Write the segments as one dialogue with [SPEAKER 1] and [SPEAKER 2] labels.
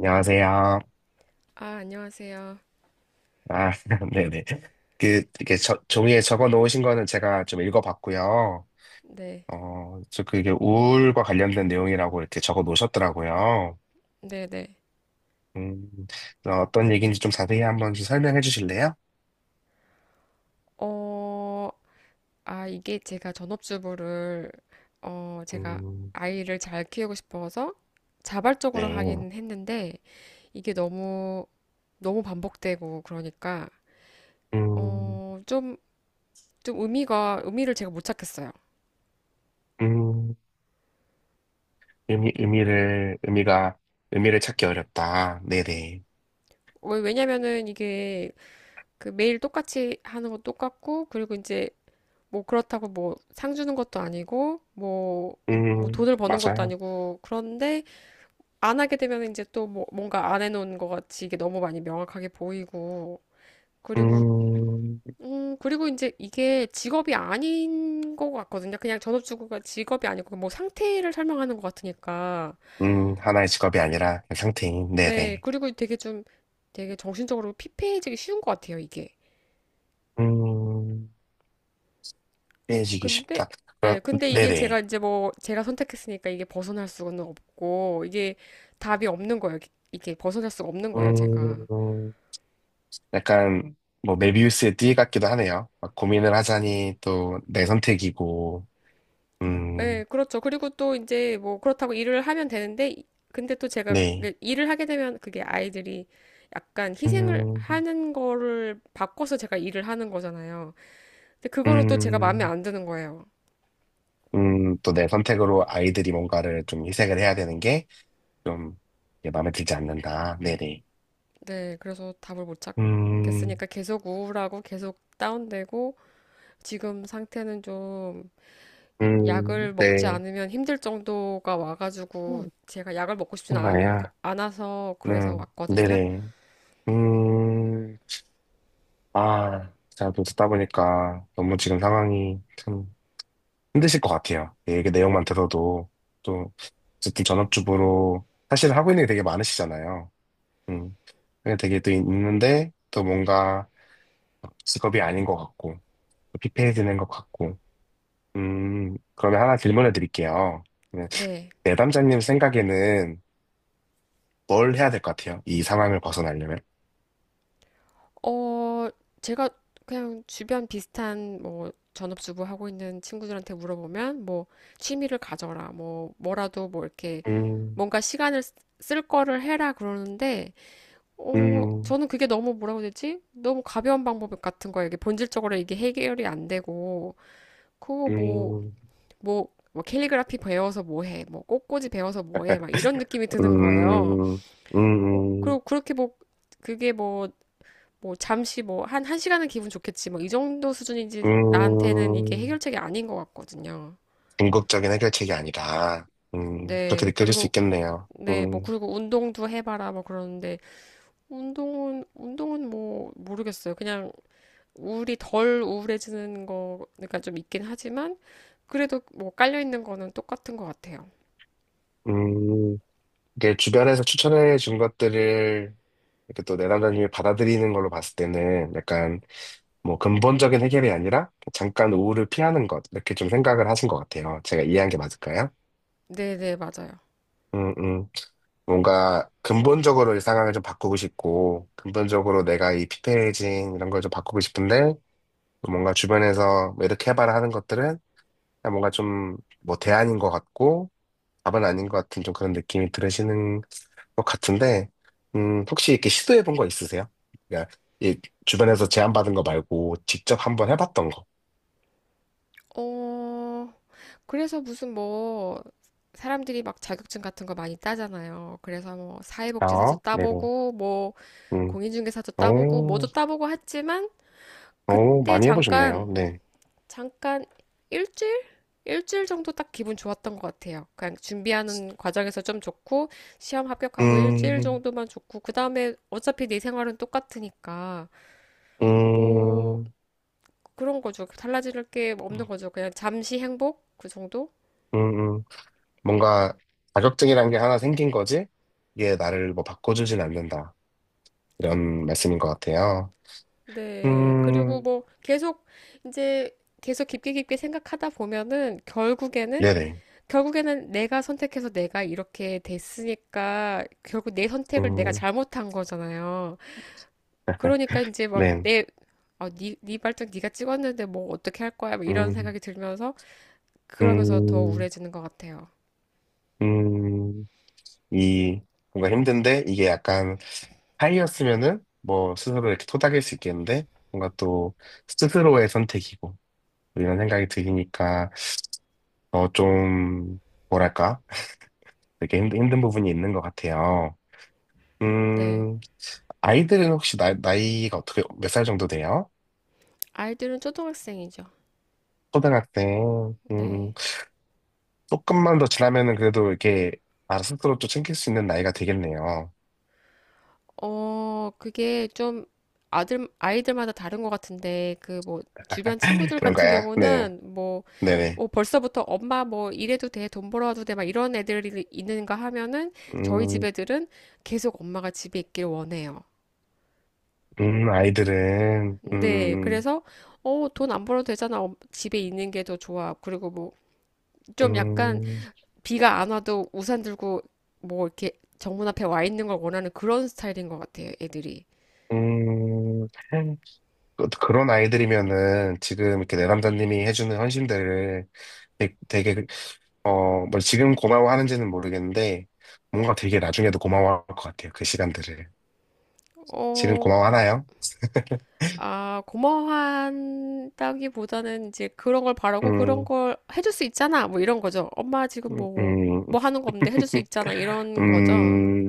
[SPEAKER 1] 안녕하세요.
[SPEAKER 2] 아, 안녕하세요.
[SPEAKER 1] 아, 네네. 그, 이렇게 종이에 적어 놓으신 거는 제가 좀 읽어봤고요.
[SPEAKER 2] 네,
[SPEAKER 1] 저 그게 우울과 관련된 내용이라고 이렇게 적어 놓으셨더라고요.
[SPEAKER 2] 네, 네.
[SPEAKER 1] 음, 떤 얘기인지 좀 자세히 한번 좀 설명해 주실래요?
[SPEAKER 2] 어, 이게 제가 전업주부를, 제가
[SPEAKER 1] 음,
[SPEAKER 2] 아이를 잘 키우고 싶어서 자발적으로
[SPEAKER 1] 네.
[SPEAKER 2] 하긴 했는데, 이게 너무, 너무 반복되고, 그러니까,
[SPEAKER 1] 음,
[SPEAKER 2] 어, 좀, 좀 의미를 제가 못 찾겠어요.
[SPEAKER 1] 음, 의미, 의미를, 의미가, 의미를 찾기 어렵다. 네네.
[SPEAKER 2] 왜냐면은 이게 그 매일 똑같이 하는 거 똑같고, 그리고 이제 뭐 그렇다고 뭐 상 주는 것도 아니고, 뭐 돈을 버는 것도
[SPEAKER 1] 맞아요.
[SPEAKER 2] 아니고, 그런데, 안 하게 되면 이제 또 뭔가 안 해놓은 것 같이 이게 너무 많이 명확하게 보이고, 그리고,
[SPEAKER 1] 음,
[SPEAKER 2] 그리고 이제 이게 직업이 아닌 것 같거든요. 그냥 전업주부가 직업이 아니고 뭐 상태를 설명하는 것 같으니까.
[SPEAKER 1] 하나의 직업이 아니라 그 상태인,
[SPEAKER 2] 네,
[SPEAKER 1] 네네.
[SPEAKER 2] 그리고 되게 정신적으로 피폐해지기 쉬운 것 같아요, 이게.
[SPEAKER 1] 음, 해지기
[SPEAKER 2] 근데,
[SPEAKER 1] 쉽다. 그럼-
[SPEAKER 2] 예, 근데 이게 제가
[SPEAKER 1] 네네.
[SPEAKER 2] 이제 뭐 제가 선택했으니까 이게 벗어날 수는 없고, 이게 답이 없는 거예요. 이게 벗어날 수가 없는
[SPEAKER 1] 어,
[SPEAKER 2] 거예요, 제가.
[SPEAKER 1] 음, 약간 뭐 메비우스의 띠 같기도 하네요. 막 고민을 하자니 또 내 선택이고, 음,
[SPEAKER 2] 네, 그렇죠. 그리고 또 이제 뭐 그렇다고 일을 하면 되는데, 근데 또 제가
[SPEAKER 1] 네,
[SPEAKER 2] 그 일을 하게 되면 그게 아이들이 약간 희생을
[SPEAKER 1] 음,
[SPEAKER 2] 하는 거를 바꿔서 제가 일을 하는 거잖아요. 근데 그거는 또 제가 마음에
[SPEAKER 1] 음,
[SPEAKER 2] 안 드는 거예요.
[SPEAKER 1] 또 내 선택으로 아이들이 뭔가를 좀 희생을 해야 되는 게좀 마음에 들지 않는다. 네네.
[SPEAKER 2] 네, 그래서 답을 못
[SPEAKER 1] 음,
[SPEAKER 2] 찾겠으니까 계속 우울하고 계속 다운되고 지금 상태는 좀 약을 먹지
[SPEAKER 1] 네.
[SPEAKER 2] 않으면 힘들 정도가 와가지고 제가 약을 먹고 싶지는
[SPEAKER 1] 정말야.
[SPEAKER 2] 않아서 그래서 왔거든요.
[SPEAKER 1] 네네. 음. 아, 제가 또 듣다 보니까 너무 지금 상황이 참 힘드실 것 같아요. 예, 그 내용만 들어도 또 어쨌든 전업주부로 사실 하고 있는 게 되게 많으시잖아요. 음, 그게 되게 또 있는데 또 뭔가 직업이 아닌 것 같고 또 피폐해지는 것 같고. 그러면 하나 질문을 드릴게요. 네,
[SPEAKER 2] 네.
[SPEAKER 1] 내담자님 생각에는 뭘 해야 될 것 같아요? 이 상황을 벗어나려면?
[SPEAKER 2] 어, 제가 그냥 주변 비슷한 뭐 전업주부 하고 있는 친구들한테 물어보면 뭐 취미를 가져라, 뭐 뭐라도 뭐 이렇게
[SPEAKER 1] 음,
[SPEAKER 2] 뭔가 쓸 거를 해라 그러는데
[SPEAKER 1] 음,
[SPEAKER 2] 저는 그게 너무 뭐라고 해야 되지? 너무 가벼운 방법 같은 거예요. 이게 본질적으로 이게 해결이 안 되고 그거
[SPEAKER 1] 음,
[SPEAKER 2] 뭐 뭐 캘리그라피 배워서 뭐 해? 뭐 꽃꽂이 배워서 뭐 해? 막 이런 느낌이 드는 거예요.
[SPEAKER 1] 음, 음, 음.
[SPEAKER 2] 그리고 그렇게 뭐 그게 뭐 잠시 뭐 한 한 시간은 기분 좋겠지 뭐 이 정도 수준인지 나한테는 이게
[SPEAKER 1] 음,
[SPEAKER 2] 해결책이 아닌 것 같거든요.
[SPEAKER 1] 궁극적인 해결책이 아니라, 그렇게
[SPEAKER 2] 네
[SPEAKER 1] 느껴질 수
[SPEAKER 2] 그리고
[SPEAKER 1] 있겠네요.
[SPEAKER 2] 네 뭐 그리고 운동도 해봐라 뭐 그러는데 운동은 뭐 모르겠어요. 그냥 우울이 덜 우울해지는 거 그러니까 좀 있긴 하지만 그래도 뭐 깔려 있는 거는 똑같은 것 같아요.
[SPEAKER 1] 음, 이게 주변에서 추천해 준 것들을 이렇게 또 내담자님이 받아들이는 걸로 봤을 때는 약간 뭐 근본적인 해결이 아니라 잠깐 우울을 피하는 것, 이렇게 좀 생각을 하신 것 같아요. 제가 이해한 게 맞을까요?
[SPEAKER 2] 네네 맞아요.
[SPEAKER 1] 음, 음. 뭔가 근본적으로 이 상황을 좀 바꾸고 싶고, 근본적으로 내가 이 피폐해진 이런 걸 좀 바꾸고 싶은데, 뭔가 주변에서 뭐 이렇게 해봐라 하는 것들은 그냥 뭔가 좀 뭐 대안인 것 같고 답은 아닌 것 같은 좀 그런 느낌이 들으시는 것 같은데 혹시 이렇게 시도해 본 거 있으세요? 그러니까 이 주변에서 제안받은 거 말고 직접 한번 해봤던 거.
[SPEAKER 2] 어 그래서 무슨 뭐 사람들이 막 자격증 같은 거 많이 따잖아요. 그래서 뭐 사회복지사도
[SPEAKER 1] 아, 네, 뭐.
[SPEAKER 2] 따보고 뭐
[SPEAKER 1] 음,
[SPEAKER 2] 공인중개사도 따보고
[SPEAKER 1] 오,
[SPEAKER 2] 뭐도 따보고 했지만
[SPEAKER 1] 오,
[SPEAKER 2] 그때
[SPEAKER 1] 많이
[SPEAKER 2] 잠깐
[SPEAKER 1] 해보셨네요. 네.
[SPEAKER 2] 잠깐 일주일? 일주일 정도 딱 기분 좋았던 것 같아요. 그냥 준비하는 과정에서 좀 좋고 시험 합격하고 일주일
[SPEAKER 1] 음,
[SPEAKER 2] 정도만 좋고 그 다음에 어차피 내 생활은 똑같으니까 뭐
[SPEAKER 1] 음,
[SPEAKER 2] 그런 거죠. 달라질 게 없는 거죠. 그냥 잠시 행복 그 정도?
[SPEAKER 1] 음, 음. 뭔가 자격증이라는 게 하나 생긴 거지? 이게 나를 뭐 바꿔주진 않는다. 이런 말씀인 것 같아요.
[SPEAKER 2] 네. 그리고
[SPEAKER 1] 음,
[SPEAKER 2] 뭐 계속 이제 계속 깊게 깊게 생각하다 보면은 결국에는
[SPEAKER 1] 네네.
[SPEAKER 2] 결국에는 내가 선택해서 내가 이렇게 됐으니까 결국 내 선택을 내가
[SPEAKER 1] 음,
[SPEAKER 2] 잘못한 거잖아요. 그러니까 이제 막
[SPEAKER 1] 네.
[SPEAKER 2] 니 발등 니가 찍었는데 뭐 어떻게 할 거야? 막 이런
[SPEAKER 1] 음,
[SPEAKER 2] 생각이 들면서 그러면서 더
[SPEAKER 1] 음,
[SPEAKER 2] 우울해지는 것 같아요.
[SPEAKER 1] 음, 이, 뭔가 힘든데, 이게 약간 하이였으면은, 뭐, 스스로 이렇게 토닥일 수 있겠는데, 뭔가 또, 스스로의 선택이고, 이런 생각이 드니까, 어, 좀, 뭐랄까, 되게 힘든 부분이 있는 것 같아요.
[SPEAKER 2] 네.
[SPEAKER 1] 음, 아이들은 혹시 나이가 어떻게, 몇 살 정도 돼요?
[SPEAKER 2] 아이들은 초등학생이죠.
[SPEAKER 1] 초등학생,
[SPEAKER 2] 네.
[SPEAKER 1] 조금만 더 지나면은 그래도 이렇게, 알아 스스로 또 챙길 수 있는 나이가 되겠네요.
[SPEAKER 2] 그게 좀 아이들마다 다른 것 같은데, 그 뭐, 주변 친구들 같은
[SPEAKER 1] 그런가요? 네.
[SPEAKER 2] 경우는 뭐,
[SPEAKER 1] 네네.
[SPEAKER 2] 뭐 벌써부터 엄마 뭐 이래도 돼, 돈 벌어와도 돼, 막 이런 애들이 있는가 하면은 저희 집
[SPEAKER 1] 음,
[SPEAKER 2] 애들은 계속 엄마가 집에 있길 원해요.
[SPEAKER 1] 아이들은,
[SPEAKER 2] 네, 그래서 어, 돈 안 벌어도 되잖아. 어, 집에 있는 게 더 좋아. 그리고 뭐 좀 약간
[SPEAKER 1] 음,
[SPEAKER 2] 비가 안 와도 우산 들고 뭐 이렇게 정문 앞에 와 있는 걸 원하는 그런 스타일인 것 같아요, 애들이.
[SPEAKER 1] 음, 음. 그런 아이들이면은 지금 이렇게 내 남자님이 해주는 헌신들을 되게, 어, 뭐 지금 고마워하는지는 모르겠는데, 뭔가 되게 나중에도 고마워할 것 같아요. 그 시간들을. 지금
[SPEAKER 2] 어,
[SPEAKER 1] 고마워하나요?
[SPEAKER 2] 고마워한다기보다는 이제 그런 걸 바라고 그런
[SPEAKER 1] 음,
[SPEAKER 2] 걸 해줄 수 있잖아. 뭐 이런 거죠. 엄마 지금
[SPEAKER 1] 음, 음,
[SPEAKER 2] 뭐 하는 거 없는데 해줄 수 있잖아. 이런 거죠.
[SPEAKER 1] 음,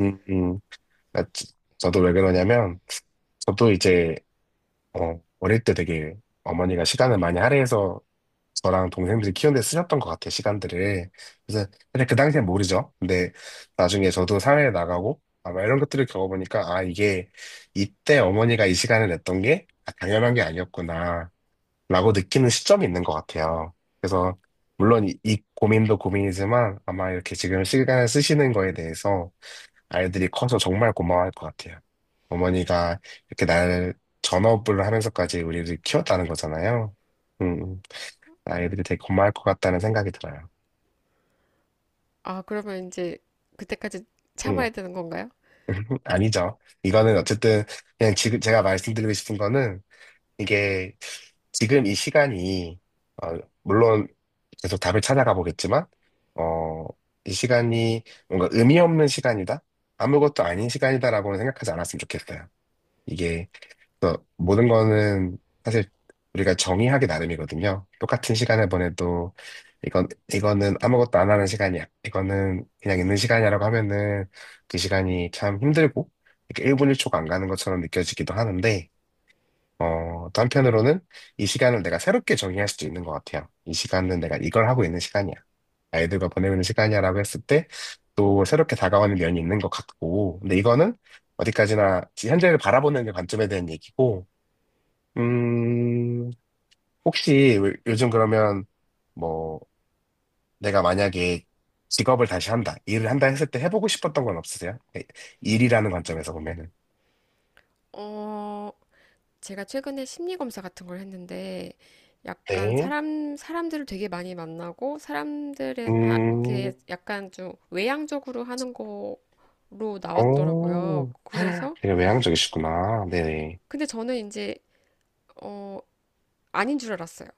[SPEAKER 1] 음. 아, 저도 왜 그러냐면, 저도 이제 어, 어릴 때 되게 어머니가 시간을 많이 할애해서 저랑 동생들이 키우는데 쓰셨던 것 같아요, 시간들을. 그래서, 근데 그 당시엔 모르죠. 근데 나중에 저도 사회에 나가고 아마 이런 것들을 겪어보니까, 아, 이게 이때 어머니가 이 시간을 냈던 게 아, 당연한 게 아니었구나, 라고 느끼는 시점이 있는 것 같아요. 그래서, 물론 이 고민도 고민이지만 아마 이렇게 지금 시간을 쓰시는 거에 대해서 아이들이 커서 정말 고마워할 것 같아요. 어머니가 이렇게 날 전업을 하면서까지 우리를 키웠다는 거잖아요. 음, 음. 아이들이 되게 고마워할 것 같다는 생각이 들어요.
[SPEAKER 2] 아, 그러면 이제 그때까지
[SPEAKER 1] 음,
[SPEAKER 2] 참아야 되는 건가요?
[SPEAKER 1] 아니죠. 이거는 어쨌든 그냥 지금 제가 말씀드리고 싶은 거는 이게 지금 이 시간이 어, 물론 계속 답을 찾아가 보겠지만 어, 이 시간이 뭔가 의미 없는 시간이다? 아무것도 아닌 시간이다라고는 생각하지 않았으면 좋겠어요. 이게 그래서 모든 거는 사실 우리가 정의하기 나름이거든요. 똑같은 시간을 보내도 이건 이거는 아무것도 안 하는 시간이야. 이거는 그냥 있는 시간이라고 하면은 그 시간이 참 힘들고 이렇게 1분 1초가 안 가는 것처럼 느껴지기도 하는데 어, 또 한편으로는 이 시간을 내가 새롭게 정의할 수도 있는 것 같아요. 이 시간은 내가 이걸 하고 있는 시간이야. 아이들과 보내는 시간이야라고 했을 때 또 새롭게 다가오는 면이 있는 것 같고 근데 이거는 어디까지나 현재를 바라보는 관점에 대한 얘기고 음, 혹시 요즘 그러면 뭐 내가 만약에 직업을 다시 한다, 일을 한다 했을 때 해보고 싶었던 건 없으세요? 네, 일이라는 관점에서 보면은.
[SPEAKER 2] 어, 제가 최근에 심리 검사 같은 걸 했는데 약간
[SPEAKER 1] 네.
[SPEAKER 2] 사람들을 되게 많이 만나고 이렇게
[SPEAKER 1] 음,
[SPEAKER 2] 약간 좀 외향적으로 하는 거로 나왔더라고요.
[SPEAKER 1] 오
[SPEAKER 2] 그래서,
[SPEAKER 1] 되게 외향적이시구나. 네네.
[SPEAKER 2] 근데 저는 이제 어, 아닌 줄 알았어요.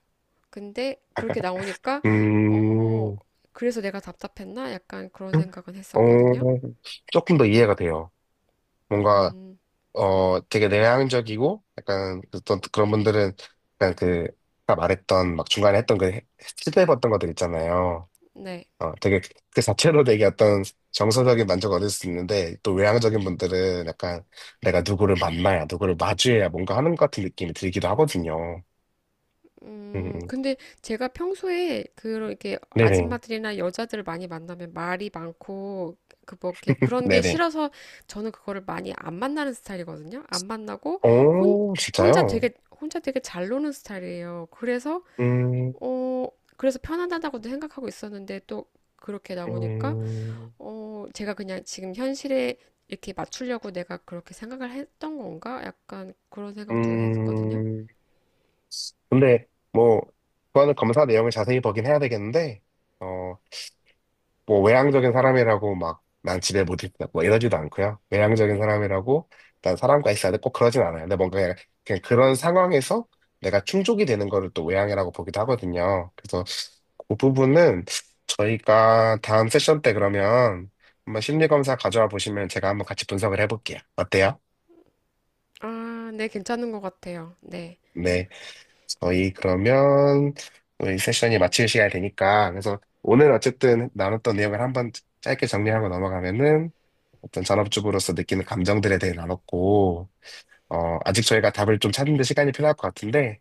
[SPEAKER 2] 근데 그렇게 나오니까 어
[SPEAKER 1] 음,
[SPEAKER 2] 그래서 내가 답답했나? 약간 그런 생각은 했었거든요.
[SPEAKER 1] 어, 조금 더 이해가 돼요. 뭔가,
[SPEAKER 2] 음,
[SPEAKER 1] 어, 되게 내향적이고, 약간, 어떤 그런 분들은, 약간 그, 아까 말했던, 막 중간에 했던 그, 시도해봤던 것들 있잖아요.
[SPEAKER 2] 네.
[SPEAKER 1] 어, 되게 그 자체로 되게 어떤 정서적인 만족을 얻을 수 있는데 또 외향적인 분들은 약간 내가 누구를 만나야 누구를 마주해야 뭔가 하는 것 같은 느낌이 들기도 하거든요. 음, 음.
[SPEAKER 2] 근데 제가 평소에 그렇게
[SPEAKER 1] 네네,
[SPEAKER 2] 아줌마들이나 여자들 을 많이 만나면 말이 많고 그 뭐 이렇게 그런 게
[SPEAKER 1] 네네.
[SPEAKER 2] 싫어서 저는 그거를 많이 안 만나는 스타일이거든요. 안 만나고 혼
[SPEAKER 1] 오,
[SPEAKER 2] 혼자
[SPEAKER 1] 진짜요?
[SPEAKER 2] 되게 혼자 되게 잘 노는 스타일이에요. 그래서
[SPEAKER 1] 음,
[SPEAKER 2] 어 그래서 편안하다고도 생각하고 있었는데 또 그렇게 나오니까
[SPEAKER 1] 음,
[SPEAKER 2] 제가 그냥 지금 현실에 이렇게 맞추려고 내가 그렇게 생각을 했던 건가? 약간 그런 생각도 했거든요.
[SPEAKER 1] 음. 근데 뭐 그거는 검사 내용을 자세히 보긴 해야 되겠는데 어, 뭐 외향적인 사람이라고 막 난 집에 못 있다 뭐 이러지도 않고요. 외향적인 사람이라고 난 사람과 있어야 돼 꼭 그러진 않아요. 근데 뭔가 그냥, 그냥 그런 상황에서 내가 충족이 되는 거를 또 외향이라고 보기도 하거든요. 그래서 그 부분은 저희가 다음 세션 때 그러면 한번 심리 검사 가져와 보시면 제가 한번 같이 분석을 해볼게요. 어때요?
[SPEAKER 2] 아, 네, 괜찮은 것 같아요. 네.
[SPEAKER 1] 네, 저희 그러면 우리 세션이 마칠 시간이 되니까 그래서 오늘 어쨌든 나눴던 내용을 한번 짧게 정리하고 넘어가면은 어떤 전업주부로서 느끼는 감정들에 대해 나눴고, 어, 아직 저희가 답을 좀 찾는 데 시간이 필요할 것 같은데,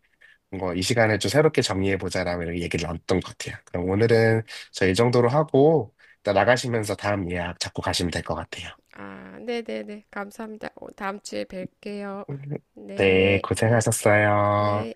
[SPEAKER 1] 뭔가 이 시간을 좀 새롭게 정리해보자라고 이렇게 얘기를 나눴던 것 같아요. 그럼 오늘은 저 이 정도로 하고, 일단 나가시면서 다음 예약 잡고 가시면 될 것 같아요.
[SPEAKER 2] 아, 네네네. 감사합니다. 다음 주에 뵐게요.
[SPEAKER 1] 네,
[SPEAKER 2] 네, 네.
[SPEAKER 1] 고생하셨어요.
[SPEAKER 2] 네.